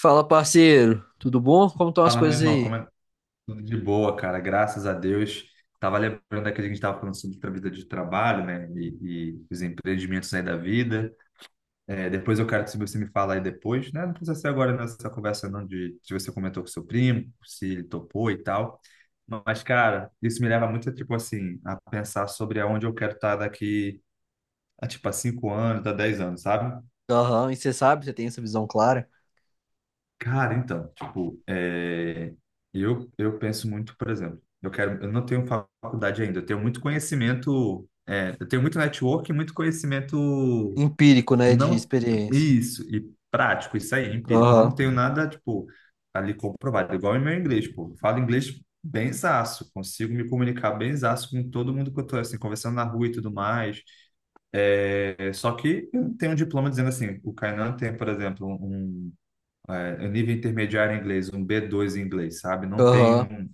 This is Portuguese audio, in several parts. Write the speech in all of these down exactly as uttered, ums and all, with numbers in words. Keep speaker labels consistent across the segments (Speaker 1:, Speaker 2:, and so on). Speaker 1: Fala, parceiro. Tudo bom? Como estão as
Speaker 2: Fala, meu
Speaker 1: coisas
Speaker 2: irmão,
Speaker 1: aí?
Speaker 2: como é que tudo de boa, cara? Graças a Deus. Tava lembrando daquele que a gente tava falando sobre a vida de trabalho, né? E, e os empreendimentos aí da vida. É, depois eu quero que você me fala aí depois, né? Não precisa ser agora nessa conversa, não, de se você comentou com seu primo, se ele topou e tal. Mas, cara, isso me leva muito, tipo assim, a pensar sobre aonde eu quero estar daqui a, tipo, a cinco anos, a dez anos, sabe?
Speaker 1: Aham, e você sabe, você tem essa visão clara?
Speaker 2: Cara, então, tipo, é, eu, eu penso muito, por exemplo, eu quero, eu não tenho faculdade ainda, eu tenho muito conhecimento, é, eu tenho muito network e muito conhecimento
Speaker 1: Empírico, né, de
Speaker 2: não,
Speaker 1: experiência.
Speaker 2: isso, e prático, isso aí, empírico,
Speaker 1: Aham,
Speaker 2: não tenho nada, tipo, ali comprovado, igual em meu inglês, pô, eu falo inglês benzaço, consigo me comunicar benzaço com todo mundo que eu tô, assim, conversando na rua e tudo mais, é, só que eu não tenho um diploma dizendo assim, o Kainan tem, por exemplo, um é, nível intermediário em inglês, um B dois em inglês, sabe? Não
Speaker 1: aham.
Speaker 2: tenho,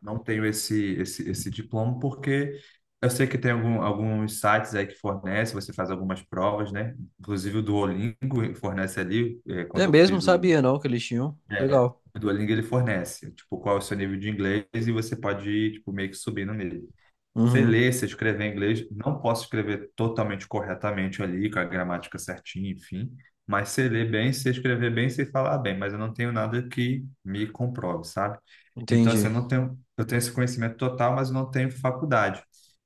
Speaker 2: não tenho esse, esse, esse diploma porque eu sei que tem algum, alguns sites aí que fornecem, você faz algumas provas, né? Inclusive o Duolingo fornece ali, é, quando
Speaker 1: É
Speaker 2: eu
Speaker 1: mesmo,
Speaker 2: fiz o,
Speaker 1: sabia não que eles tinham.
Speaker 2: é,
Speaker 1: Legal.
Speaker 2: o Duolingo ele fornece, tipo, qual é o seu nível de inglês e você pode ir, tipo, meio que subindo nele. Sei
Speaker 1: Uhum,
Speaker 2: ler, sei escrever em inglês, não posso escrever totalmente corretamente ali, com a gramática certinha, enfim, mas sei ler bem, sei escrever bem, sei falar bem, mas eu não tenho nada que me comprove, sabe? Então, assim,
Speaker 1: entendi.
Speaker 2: eu não tenho, eu tenho esse conhecimento total, mas eu não tenho faculdade.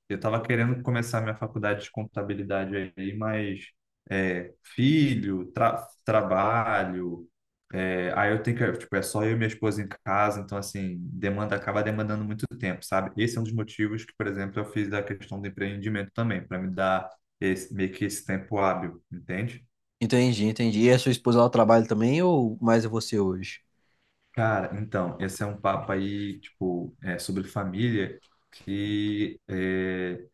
Speaker 2: Eu estava querendo começar minha faculdade de contabilidade aí, mas é, filho, tra- trabalho, é, aí eu tenho que, tipo, é só eu e minha esposa em casa, então assim, demanda acaba demandando muito tempo, sabe? Esse é um dos motivos que, por exemplo, eu fiz da questão do empreendimento também, para me dar esse, meio que esse tempo hábil, entende?
Speaker 1: Entendi, entendi. E a sua esposa ela trabalha também ou mais é você hoje?
Speaker 2: Cara, então, esse é um papo aí, tipo, é, sobre família, que é,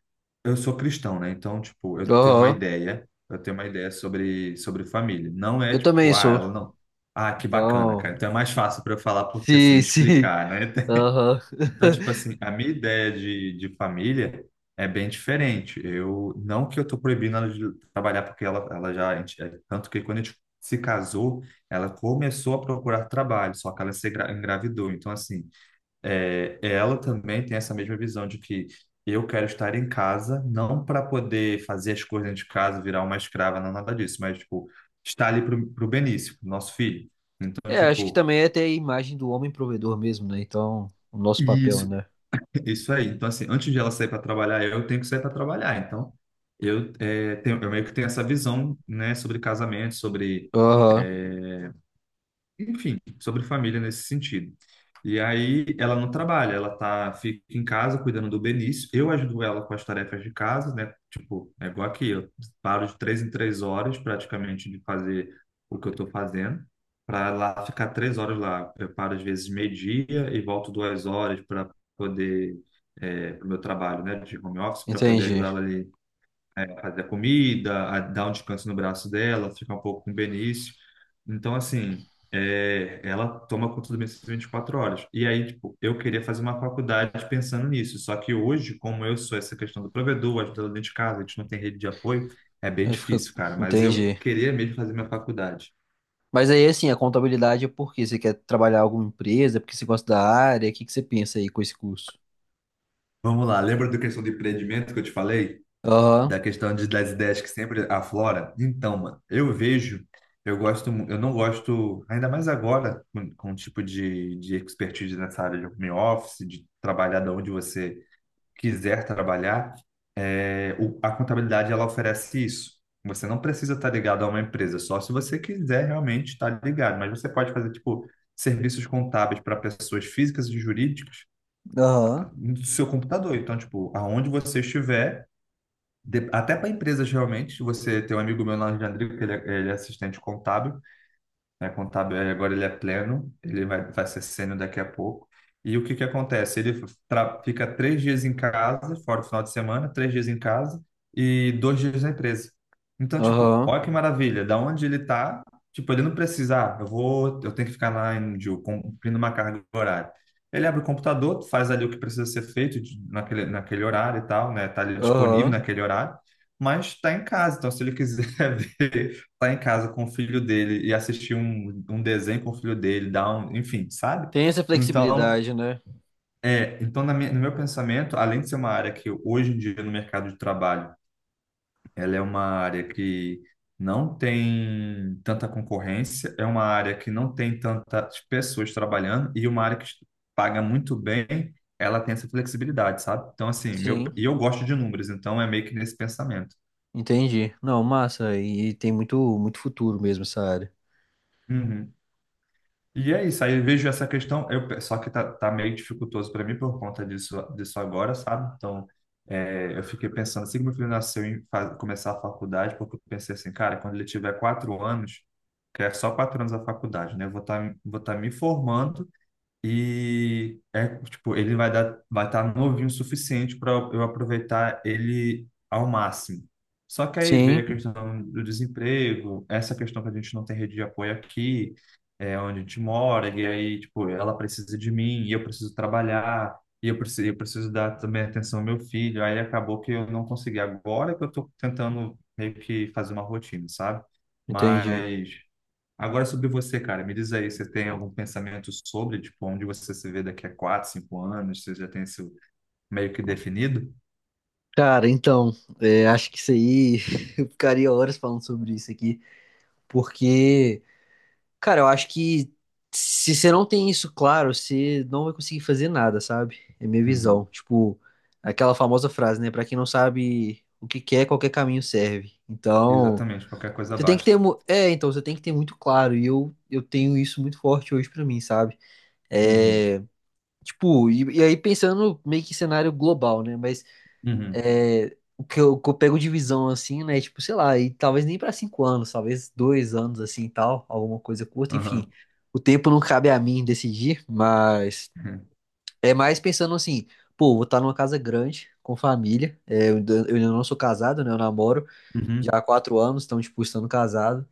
Speaker 2: eu sou cristão, né? Então, tipo, eu tenho uma
Speaker 1: Aham,
Speaker 2: ideia, eu tenho uma ideia sobre, sobre família. Não é
Speaker 1: eu também
Speaker 2: tipo, ah,
Speaker 1: sou.
Speaker 2: ela não. Ah, que bacana,
Speaker 1: Então,
Speaker 2: cara. Então é mais fácil para eu falar porque assim,
Speaker 1: se,
Speaker 2: me
Speaker 1: se,
Speaker 2: explicar, né?
Speaker 1: aham.
Speaker 2: Então, tipo assim, a minha ideia de, de família é bem diferente. Eu, não que eu tô proibindo ela de trabalhar, porque ela, ela já, a gente- é, tanto que quando a gente se casou, ela começou a procurar trabalho, só que ela se engra- engravidou. Então, assim, é, ela também tem essa mesma visão de que eu quero estar em casa, não para poder fazer as coisas dentro de casa, virar uma escrava, não nada disso, mas, tipo, estar ali pro, pro Benício, pro nosso filho. Então,
Speaker 1: É, acho que
Speaker 2: tipo,
Speaker 1: também é ter a imagem do homem provedor mesmo, né? Então, o nosso papel,
Speaker 2: isso.
Speaker 1: né?
Speaker 2: Isso aí. Então, assim, antes de ela sair para trabalhar, eu tenho que sair para trabalhar. Então, eu, é, tenho, eu meio que tenho essa visão, né, sobre casamento, sobre
Speaker 1: Aham,
Speaker 2: enfim, sobre família nesse sentido. E aí ela não trabalha, ela tá, fica em casa cuidando do Benício. Eu ajudo ela com as tarefas de casa, né? Tipo, é igual aqui, eu paro de três em três horas praticamente de fazer o que eu tô fazendo, para lá ficar três horas lá. Eu paro às vezes meio-dia e volto duas horas para poder, é, para o meu trabalho, né? De home office, para poder
Speaker 1: entendi.
Speaker 2: ajudar ela ali fazer a comida, a dar um descanso no braço dela, ficar um pouco com o Benício. Então, assim, é, ela toma conta do Benício vinte e quatro horas. E aí, tipo, eu queria fazer uma faculdade pensando nisso. Só que hoje, como eu sou essa questão do provedor, ajudando dentro de casa, a gente não tem rede de apoio, é bem
Speaker 1: Aí fica,
Speaker 2: difícil, cara. Mas eu
Speaker 1: entendi.
Speaker 2: queria mesmo fazer minha faculdade.
Speaker 1: Mas aí, assim, a contabilidade é porque você quer trabalhar em alguma empresa, porque você gosta da área, o que que você pensa aí com esse curso?
Speaker 2: Vamos lá, lembra da questão do empreendimento que eu te falei?
Speaker 1: Aham,
Speaker 2: Da questão de, das ideias que sempre aflora. Então, mano, eu vejo, eu gosto, mu- eu não gosto, ainda mais agora, com, com o tipo de, de expertise nessa área de home office, de trabalhar de onde você quiser trabalhar, é, o- a contabilidade ela oferece isso. Você não precisa estar ligado a uma empresa, só se você quiser realmente estar ligado, mas você pode fazer, tipo, serviços contábeis para pessoas físicas e jurídicas
Speaker 1: aham,
Speaker 2: no seu computador. Então, tipo, aonde você estiver, de- até para empresas realmente, você tem um amigo meu lá de Andrigo, que ele é, ele é assistente contábil, né, contábil, aí agora ele é pleno, ele vai, vai ser sênior daqui a pouco. E o que que acontece? Ele tra- fica três dias em casa, fora o final de semana, três dias em casa e dois dias na empresa. Então, tipo,
Speaker 1: aham,
Speaker 2: olha que maravilha, da onde ele tá, tipo, ele não precisa, ah, eu vou, eu tenho que ficar lá em Ju, cumprindo uma carga horária. Ele abre o computador, faz ali o que precisa ser feito de- naquele, naquele horário e tal, né? Tá ali disponível
Speaker 1: aham.
Speaker 2: naquele horário, mas está em casa. Então, se ele quiser ver lá em casa com o filho dele e assistir um, um desenho com o filho dele, dar um, enfim, sabe?
Speaker 1: Tem essa
Speaker 2: Então,
Speaker 1: flexibilidade, né?
Speaker 2: é, então na minha, no meu pensamento, além de ser uma área que hoje em dia no mercado de trabalho, ela é uma área que não tem tanta concorrência, é uma área que não tem tantas pessoas trabalhando e uma área que paga muito bem, ela tem essa flexibilidade, sabe? Então, assim, meu,
Speaker 1: Sim,
Speaker 2: e eu gosto de números, então é meio que nesse pensamento.
Speaker 1: entendi. Não, massa, e tem muito, muito futuro mesmo essa área.
Speaker 2: Uhum. E é isso, aí eu vejo essa questão, eu, pe- só que tá, tá meio dificultoso para mim por conta disso, disso agora, sabe? Então, é, eu fiquei pensando, assim que meu filho nasceu em fa- começar a faculdade, porque eu pensei assim, cara, quando ele tiver quatro anos, que é só quatro anos a faculdade, né? Eu vou estar vou tá me formando e é tipo, ele vai dar, vai estar novinho o suficiente para eu aproveitar ele ao máximo. Só que aí
Speaker 1: Sim,
Speaker 2: veio a questão do desemprego, essa questão que a gente não tem rede de apoio aqui, é onde a gente mora, e aí, tipo, ela precisa de mim, e eu preciso trabalhar, e eu preciso, eu preciso dar também atenção ao meu filho. Aí acabou que eu não consegui. Agora que eu estou tentando meio que fazer uma rotina, sabe?
Speaker 1: entendi.
Speaker 2: Mas. Agora sobre você, cara, me diz aí, você tem algum pensamento sobre, tipo, onde você se vê daqui a quatro, cinco anos? Você já tem isso meio que definido?
Speaker 1: Cara, então, é, acho que isso aí, eu ficaria horas falando sobre isso aqui, porque... Cara, eu acho que se você não tem isso claro, você não vai conseguir fazer nada, sabe? É minha visão.
Speaker 2: Uhum.
Speaker 1: Tipo, aquela famosa frase, né? Pra quem não sabe o que quer, qualquer caminho serve. Então,
Speaker 2: Exatamente, qualquer coisa
Speaker 1: você tem que
Speaker 2: basta.
Speaker 1: ter. mu- É, então, você tem que ter muito claro. E eu, eu tenho isso muito forte hoje pra mim, sabe?
Speaker 2: Uhum.
Speaker 1: É. Tipo, e, e aí pensando meio que em cenário global, né? Mas
Speaker 2: Uhum.
Speaker 1: é, o que eu, o que eu pego de visão, assim, né? Tipo, sei lá, e talvez nem pra cinco anos, talvez dois anos, assim, e tal, alguma coisa curta, enfim.
Speaker 2: Aham.
Speaker 1: O tempo não cabe a mim decidir, mas é mais pensando assim, pô, vou estar numa casa grande, com família, é, eu ainda eu ainda não sou casado, né? Eu namoro já
Speaker 2: Uhum.
Speaker 1: há quatro anos, então, tipo, estando casado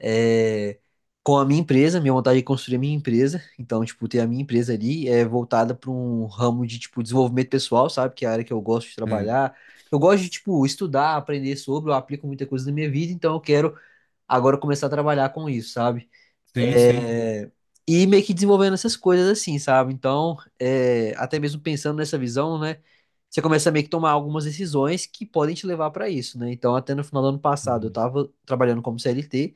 Speaker 1: é, com a minha empresa, minha vontade é construir a minha empresa. Então, tipo, ter a minha empresa ali é voltada para um ramo de, tipo, desenvolvimento pessoal, sabe? Que é a área que eu gosto de trabalhar. Eu gosto de, tipo, estudar, aprender sobre, eu aplico muita coisa na minha vida, então eu quero agora começar a trabalhar com isso, sabe?
Speaker 2: Sim, sim. Sim,
Speaker 1: É, e meio que desenvolvendo essas coisas assim, sabe? Então, é, até mesmo pensando nessa visão, né? Você começa a meio que tomar algumas decisões que podem te levar para isso, né? Então, até no final do ano passado, eu
Speaker 2: uhum.
Speaker 1: tava trabalhando como C L T,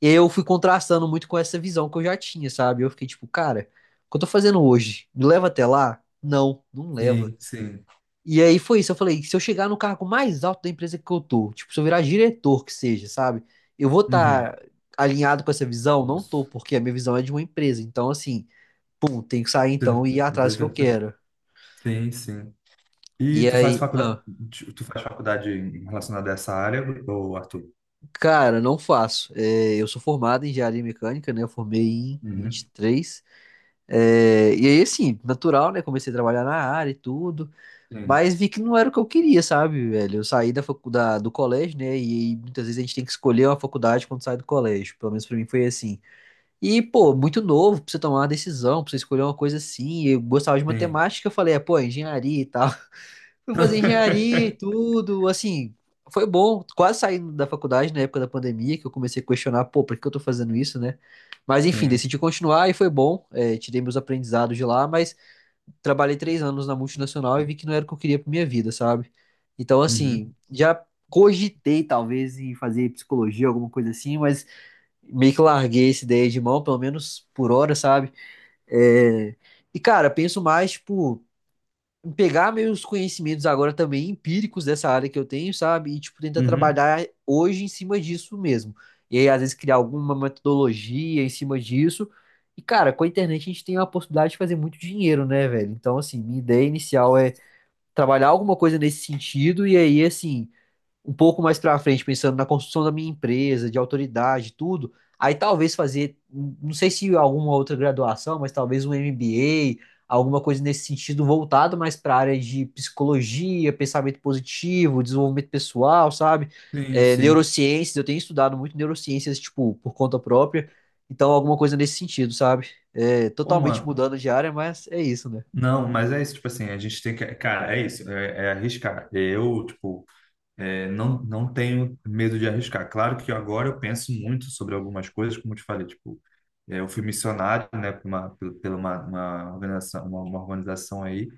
Speaker 1: eu fui contrastando muito com essa visão que eu já tinha, sabe? Eu fiquei tipo, cara, o que eu tô fazendo hoje? Me leva até lá? Não, não leva.
Speaker 2: Sim, sim.
Speaker 1: E aí foi isso, eu falei, se eu chegar no cargo mais alto da empresa que eu tô, tipo, se eu virar diretor que seja, sabe? Eu vou
Speaker 2: Uhum.
Speaker 1: estar alinhado com essa visão? Não tô,
Speaker 2: Isso.
Speaker 1: porque a minha visão é de uma empresa. Então, assim, pum, tenho que sair então e ir atrás do que eu quero.
Speaker 2: Sim, sim. E
Speaker 1: E
Speaker 2: tu faz
Speaker 1: aí,
Speaker 2: faculdade,
Speaker 1: ah,
Speaker 2: tu faz faculdade relacionada a essa área, ou Arthur?
Speaker 1: cara, não faço. É, eu sou formado em engenharia mecânica, né? Eu formei em vinte
Speaker 2: Uhum.
Speaker 1: e três É, e aí, assim, natural, né? Comecei a trabalhar na área e tudo,
Speaker 2: Sim,
Speaker 1: mas vi que não era o que eu queria, sabe, velho? Eu saí da faculdade, do colégio, né? E, muitas vezes a gente tem que escolher uma faculdade quando sai do colégio. Pelo menos pra mim foi assim. E, pô, muito novo pra você tomar uma decisão, pra você escolher uma coisa assim. Eu gostava de
Speaker 2: sim.
Speaker 1: matemática, eu falei, é, pô, engenharia e tal. Fui fazer engenharia e tudo, assim, foi bom, quase saindo da faculdade na época da pandemia, que eu comecei a questionar, pô, por que eu tô fazendo isso, né? Mas enfim,
Speaker 2: Sim.
Speaker 1: decidi continuar e foi bom, é, tirei meus aprendizados de lá, mas trabalhei três anos na multinacional e vi que não era o que eu queria pra minha vida, sabe? Então, assim,
Speaker 2: Uhum.
Speaker 1: já cogitei talvez em fazer psicologia, alguma coisa assim, mas meio que larguei essa ideia de mão, pelo menos por hora, sabe? É, e, cara, penso mais, tipo, pegar meus conhecimentos agora também empíricos dessa área que eu tenho, sabe? E, tipo, tentar
Speaker 2: Uhum.
Speaker 1: trabalhar hoje em cima disso mesmo. E aí, às vezes, criar alguma metodologia em cima disso. E, cara, com a internet a gente tem a possibilidade de fazer muito dinheiro, né, velho? Então, assim, minha ideia inicial é trabalhar alguma coisa nesse sentido. E aí, assim, um pouco mais pra frente, pensando na construção da minha empresa, de autoridade, tudo, aí talvez fazer, não sei se alguma outra graduação, mas talvez um M B A, alguma coisa nesse sentido voltado mais para a área de psicologia, pensamento positivo, desenvolvimento pessoal, sabe?
Speaker 2: Sim,
Speaker 1: É,
Speaker 2: sim.
Speaker 1: neurociências, eu tenho estudado muito neurociências, tipo, por conta própria, então alguma coisa nesse sentido, sabe? É,
Speaker 2: Ô,
Speaker 1: totalmente
Speaker 2: mano,
Speaker 1: mudando de área, mas é isso, né?
Speaker 2: não, mas é isso, tipo assim, a gente tem que, cara, é isso, é, é arriscar. Eu, tipo, é, não, não tenho medo de arriscar. Claro que agora eu penso muito sobre algumas coisas, como eu te falei, tipo, é, eu fui missionário, né, por uma, pela uma, uma organização, uma, uma organização aí,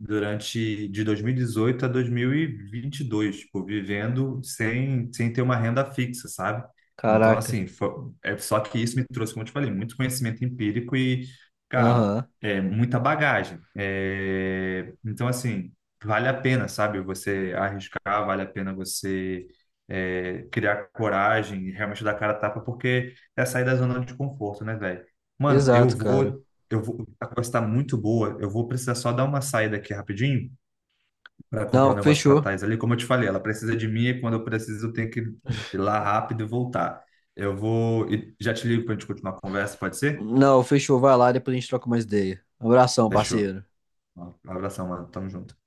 Speaker 2: durante de dois mil e dezoito a dois mil e vinte e dois, tipo, vivendo sem, sem ter uma renda fixa, sabe? Então,
Speaker 1: Caraca.
Speaker 2: assim, fo- é só que isso me trouxe, como eu te falei, muito conhecimento empírico e, cara,
Speaker 1: Aham.
Speaker 2: é muita bagagem. É, então, assim, vale a pena, sabe? Você arriscar, vale a pena você é, criar coragem e realmente dar cara a tapa, porque é sair da zona de conforto, né, velho? Mano, eu
Speaker 1: Exato, cara.
Speaker 2: vou eu vou, a conversa está muito boa. Eu vou precisar só dar uma saída aqui rapidinho para comprar um
Speaker 1: Não,
Speaker 2: negócio para
Speaker 1: fechou.
Speaker 2: Thais ali. Como eu te falei, ela precisa de mim e quando eu preciso, eu tenho que ir lá rápido e voltar. Eu vou e já te ligo para a gente continuar a conversa, pode ser?
Speaker 1: Não, fechou. Vai lá, depois a gente troca mais ideia. Abração,
Speaker 2: Fechou.
Speaker 1: parceiro.
Speaker 2: Um abração, mano. Tamo junto.